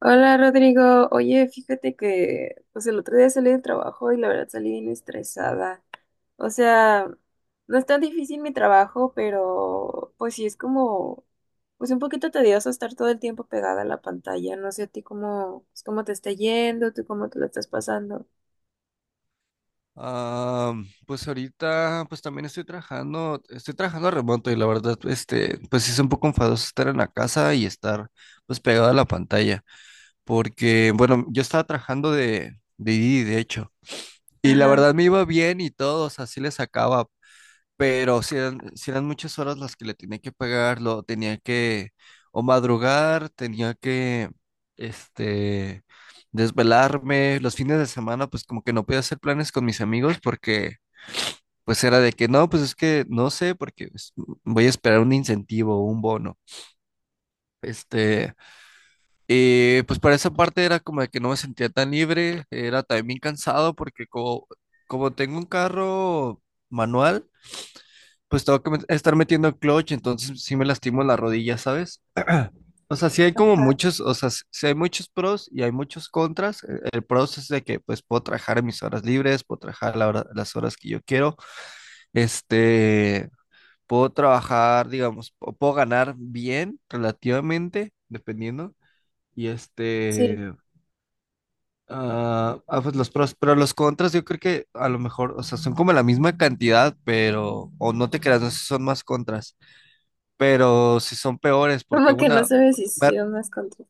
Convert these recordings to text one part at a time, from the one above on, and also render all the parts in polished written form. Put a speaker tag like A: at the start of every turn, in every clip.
A: Hola Rodrigo, oye, fíjate que pues el otro día salí del trabajo y la verdad salí bien estresada. O sea, no es tan difícil mi trabajo, pero pues sí es como pues un poquito tedioso estar todo el tiempo pegada a la pantalla. No sé a ti cómo, pues, cómo te está yendo, tú cómo te lo estás pasando.
B: Ah, pues ahorita, pues también estoy trabajando remoto y la verdad, pues sí es un poco enfadoso estar en la casa y pues pegado a la pantalla, porque, bueno, yo estaba trabajando de Didi, de hecho, y la
A: Ajá,
B: verdad me iba bien y todo, o sea, sí le sacaba, pero si eran, sí eran muchas horas las que le tenía que pagar, o madrugar, tenía que, este, desvelarme, los fines de semana, pues como que no podía hacer planes con mis amigos porque pues es que no sé, porque voy a esperar un incentivo o un bono. Este, y pues para esa parte era como de que no me sentía tan libre, era también cansado porque como tengo un carro manual, pues tengo que estar metiendo clutch, entonces sí me lastimo la rodilla, ¿sabes? O sea, sí hay como
A: ajá,
B: sí hay muchos pros y hay muchos contras. El pros es de que pues puedo trabajar en mis horas libres, puedo trabajar las horas que yo quiero. Este, Puedo trabajar, digamos, o puedo ganar bien, relativamente, dependiendo. Y
A: sí.
B: este, pues los pros, pero los contras yo creo que a lo mejor, o sea, son como la misma cantidad, pero, o no te creas, no sé si son más contras, pero si son peores,
A: Como que no sabes si sí
B: ver,
A: o más contra.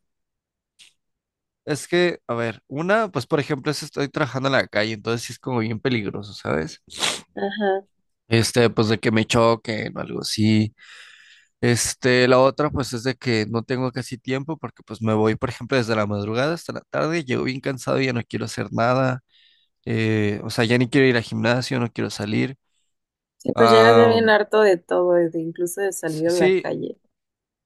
B: es que, a ver, una, pues por ejemplo, es estoy trabajando en la calle, entonces sí es como bien peligroso, ¿sabes?
A: Ajá.
B: Pues de que me choquen o algo así. La otra pues es de que no tengo casi tiempo porque pues me voy, por ejemplo, desde la madrugada hasta la tarde, llego bien cansado, ya no quiero hacer nada, o sea, ya ni quiero ir al gimnasio, no quiero salir.
A: Sí, pues llegas ya
B: Ah,
A: bien harto de todo, de incluso de salir a la
B: sí,
A: calle.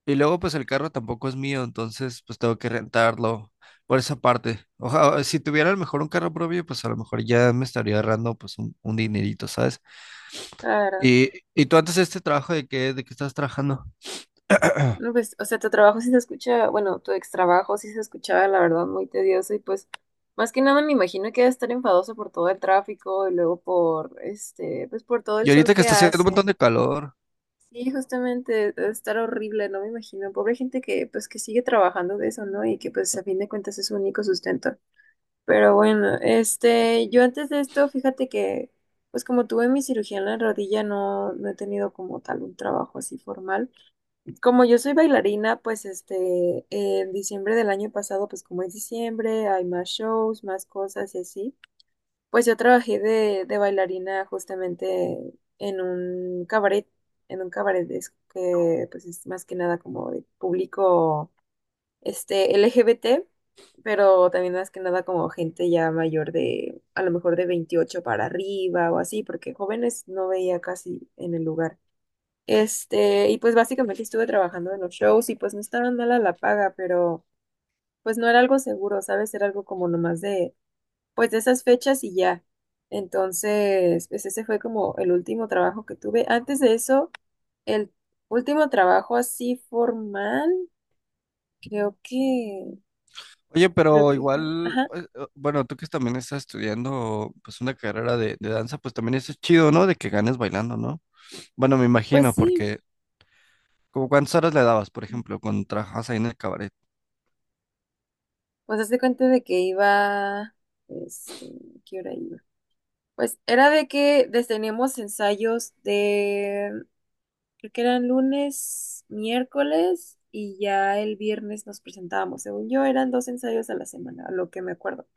B: y luego pues el carro tampoco es mío, entonces pues tengo que rentarlo por esa parte. Ojalá, si tuviera a lo mejor un carro propio, pues a lo mejor ya me estaría ahorrando pues un dinerito, ¿sabes?
A: Claro.
B: Y tú antes de este trabajo, ¿de qué estás trabajando?
A: No, pues, o sea, tu trabajo sí se escucha, bueno, tu ex trabajo sí se escuchaba, la verdad, muy tedioso y pues, más que nada me imagino que debe estar enfadoso por todo el tráfico y luego por, pues por todo el
B: Y
A: sol
B: ahorita que
A: que
B: está haciendo un
A: hace.
B: montón de calor.
A: Sí, justamente, debe estar horrible, no me imagino. Pobre gente que, pues, que sigue trabajando de eso, ¿no? Y que, pues, a fin de cuentas es su único sustento. Pero bueno, yo antes de esto, fíjate que, pues, como tuve mi cirugía en la rodilla, no he tenido como tal un trabajo así formal como yo soy bailarina, pues en diciembre del año pasado, pues como es diciembre, hay más shows, más cosas y así, pues yo trabajé de bailarina justamente en un cabaret es que pues es más que nada como de público este LGBT, pero también más que nada como gente ya mayor de, a lo mejor de 28 para arriba o así, porque jóvenes no veía casi en el lugar. Y pues básicamente estuve trabajando en los shows y pues no estaba mala la paga, pero pues no era algo seguro, ¿sabes? Era algo como nomás de, pues de esas fechas y ya. Entonces, pues ese fue como el último trabajo que tuve. Antes de eso, el último trabajo así formal, creo que,
B: Oye, pero igual,
A: ajá,
B: pues, bueno, tú que también estás estudiando pues una carrera de danza, pues también eso es chido, ¿no? De que ganes bailando, ¿no? Bueno, me
A: pues
B: imagino,
A: sí,
B: porque como cuántas horas le dabas, por ejemplo, cuando trabajabas ahí en el cabaret,
A: pues hazte cuenta de que iba, este, ¿qué hora iba? Pues era de que teníamos ensayos de. Creo que eran lunes, miércoles y ya el viernes nos presentábamos. Según yo, eran dos ensayos a la semana, a lo que me acuerdo.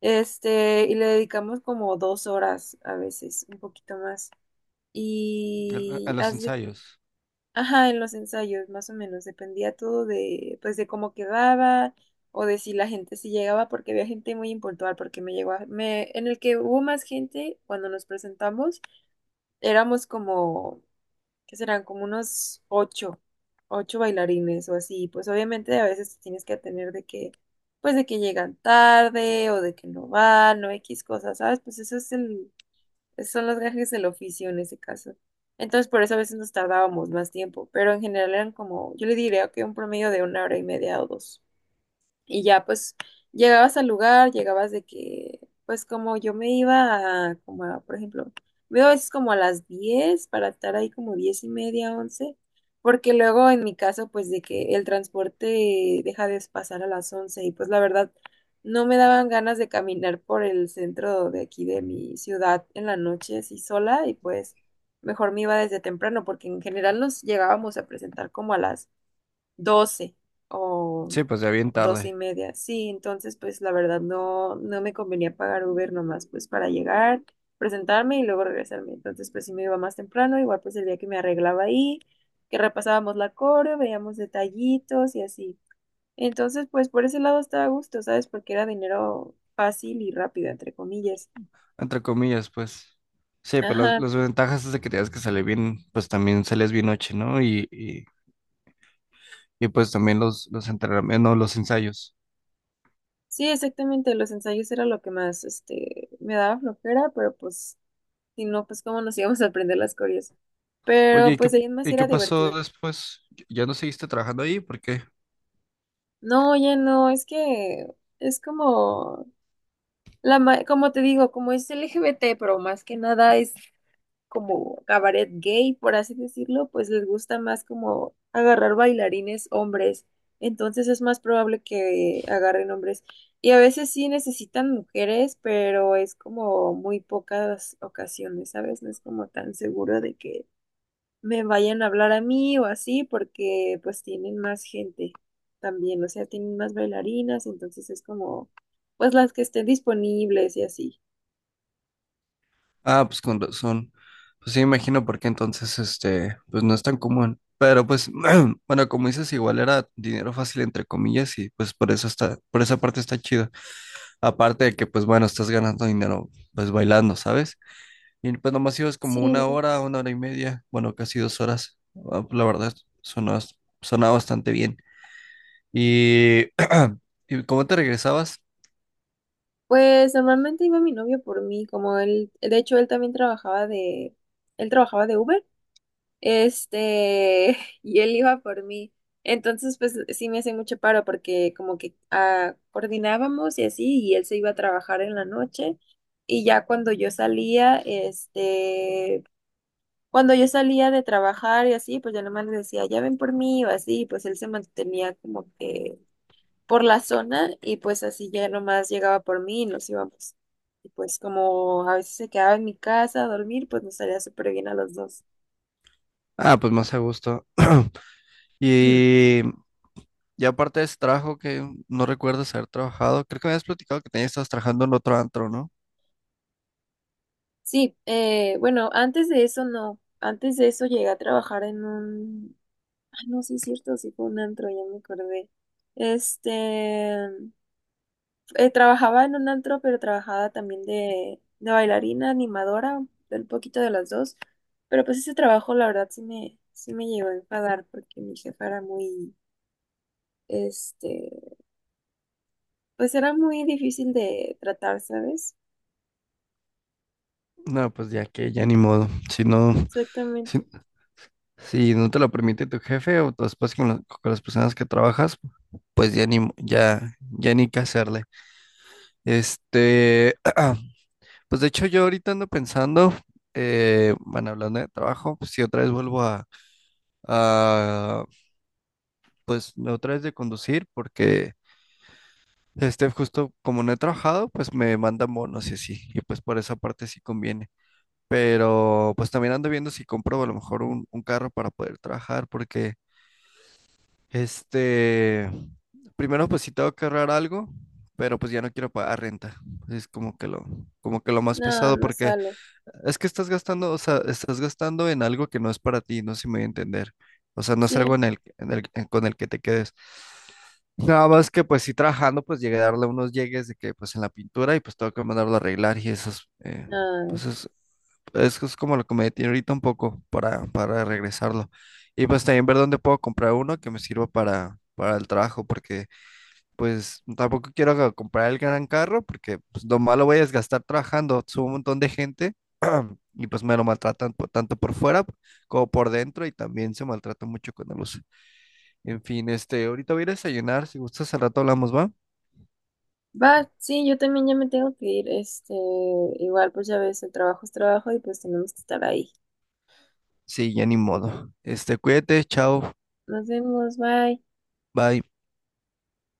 A: Y le dedicamos como dos horas a veces, un poquito más.
B: a
A: Y
B: los
A: hace,
B: ensayos.
A: ajá, en los ensayos, más o menos, dependía todo de, pues, de cómo quedaba o de si la gente si llegaba, porque había gente muy impuntual, porque me, en el que hubo más gente cuando nos presentamos, éramos como que serán como unos ocho, ocho bailarines o así. Pues obviamente a veces tienes que atender de que, pues de que llegan tarde o de que no van o X cosas, ¿sabes? Pues esos son los gajes del oficio en ese caso. Entonces por eso a veces nos tardábamos más tiempo, pero en general eran como, yo le diría que un promedio de una hora y media o dos. Y ya pues llegabas al lugar, llegabas de que, pues como yo me iba a, como a, por ejemplo, me iba a veces como a las 10 para estar ahí como 10 y media, once, porque luego en mi caso pues de que el transporte deja de pasar a las 11 y pues la verdad no me daban ganas de caminar por el centro de aquí de mi ciudad en la noche así sola y pues mejor me iba desde temprano porque en general nos llegábamos a presentar como a las 12 o
B: Sí, pues ya bien
A: 12 y
B: tarde,
A: media. Sí, entonces pues la verdad no me convenía pagar Uber nomás pues para llegar, presentarme y luego regresarme. Entonces pues sí me iba más temprano, igual pues el día que me arreglaba ahí, que repasábamos la coreo, veíamos detallitos y así. Entonces pues por ese lado estaba a gusto, ¿sabes? Porque era dinero fácil y rápido, entre comillas.
B: entre comillas, pues. Sí, pero las,
A: Ajá.
B: las ventajas es de que tienes que salir bien, pues también sales bien noche, ¿no? Y pues también los entrenamientos, no, los ensayos.
A: Sí, exactamente, los ensayos era lo que más me daba flojera, pero pues, si no, pues cómo nos íbamos a aprender las coreas.
B: Oye,
A: Pero
B: ¿y qué,
A: pues ahí en más
B: ¿y qué
A: era
B: pasó
A: divertido.
B: después? ¿Ya no seguiste trabajando ahí? ¿Por qué?
A: No, ya no, es que es como como te digo, como es LGBT, pero más que nada es como cabaret gay, por así decirlo, pues les gusta más como agarrar bailarines hombres. Entonces es más probable que agarren hombres. Y a veces sí necesitan mujeres, pero es como muy pocas ocasiones, ¿sabes? No es como tan seguro de que me vayan a hablar a mí o así, porque pues tienen más gente también, o sea, tienen más bailarinas, entonces es como, pues las que estén disponibles y así.
B: Ah, pues con razón. Pues sí, imagino porque entonces, pues no es tan común. Pero pues, bueno, como dices, igual era dinero fácil entre comillas y pues por eso por esa parte está chido. Aparte de que pues bueno, estás ganando dinero pues bailando, ¿sabes? Y pues nomás ibas como
A: Sí, no,
B: una hora y media, bueno, casi dos horas. La verdad, sonó, sonaba bastante bien. Y, ¿Y cómo te regresabas?
A: pues normalmente iba mi novio por mí, como él, de hecho él también trabajaba él trabajaba de Uber, este, y él iba por mí. Entonces, pues sí me hacía mucho paro porque como que ah, coordinábamos y así, y él se iba a trabajar en la noche. Y ya cuando yo salía, cuando yo salía de trabajar y así, pues yo nomás le decía, ya ven por mí o así, pues él se mantenía como que por la zona y pues así ya nomás llegaba por mí y nos íbamos. Y pues como a veces se quedaba en mi casa a dormir, pues nos salía súper bien a los dos.
B: Ah, pues más a gusto. Y Y aparte de ese trabajo que no recuerdas haber trabajado, creo que me habías platicado que tenías, estabas trabajando en otro antro, ¿no?
A: Sí, bueno, antes de eso no, antes de eso llegué a trabajar en un, ay no, sí es cierto, sí fue un antro, ya me acordé. Este, trabajaba en un antro, pero trabajaba también de bailarina, animadora, un poquito de las dos. Pero pues ese trabajo, la verdad, sí me llegó a enfadar porque mi jefa era muy, este, pues era muy difícil de tratar, ¿sabes?
B: No, pues ya que, ya ni modo. Si no, si,
A: Exactamente.
B: si no te lo permite tu jefe o tu esposa con las personas que trabajas, pues ya ni, ya ni qué hacerle. Este, pues de hecho yo ahorita ando pensando, bueno, hablando de trabajo, pues si otra vez vuelvo a, pues otra vez de conducir. Justo como no he trabajado, pues me mandan bonos y así, y pues por esa parte sí conviene. Pero pues también ando viendo si compro a lo mejor un carro para poder trabajar, porque este, primero pues sí tengo que ahorrar algo, pero pues ya no quiero pagar renta. Es como que lo más
A: No,
B: pesado,
A: no
B: porque
A: sale.
B: es que estás gastando, o sea, estás gastando en algo que no es para ti, no sé si me voy a entender. O sea, no es
A: Sí,
B: algo con el que te quedes. Nada más que pues sí trabajando, pues llegué a darle unos llegues de que pues en la pintura y pues tengo que mandarlo a arreglar y eso es,
A: no.
B: pues es, es como lo que me detiene ahorita un poco para regresarlo. Y pues también ver dónde puedo comprar uno que me sirva para el trabajo, porque pues tampoco quiero comprar el gran carro, porque pues, lo malo voy a es gastar trabajando, subo un montón de gente y pues me lo maltratan tanto por fuera como por dentro y también se maltrata mucho con la luz. En fin, ahorita voy a ir a desayunar, si gustas al rato hablamos, ¿va?
A: Va, sí, yo también ya me tengo que ir. Igual, pues ya ves, el trabajo es trabajo y pues tenemos que estar ahí.
B: Sí, ya ni modo. Cuídate, chao,
A: Nos vemos, bye.
B: bye.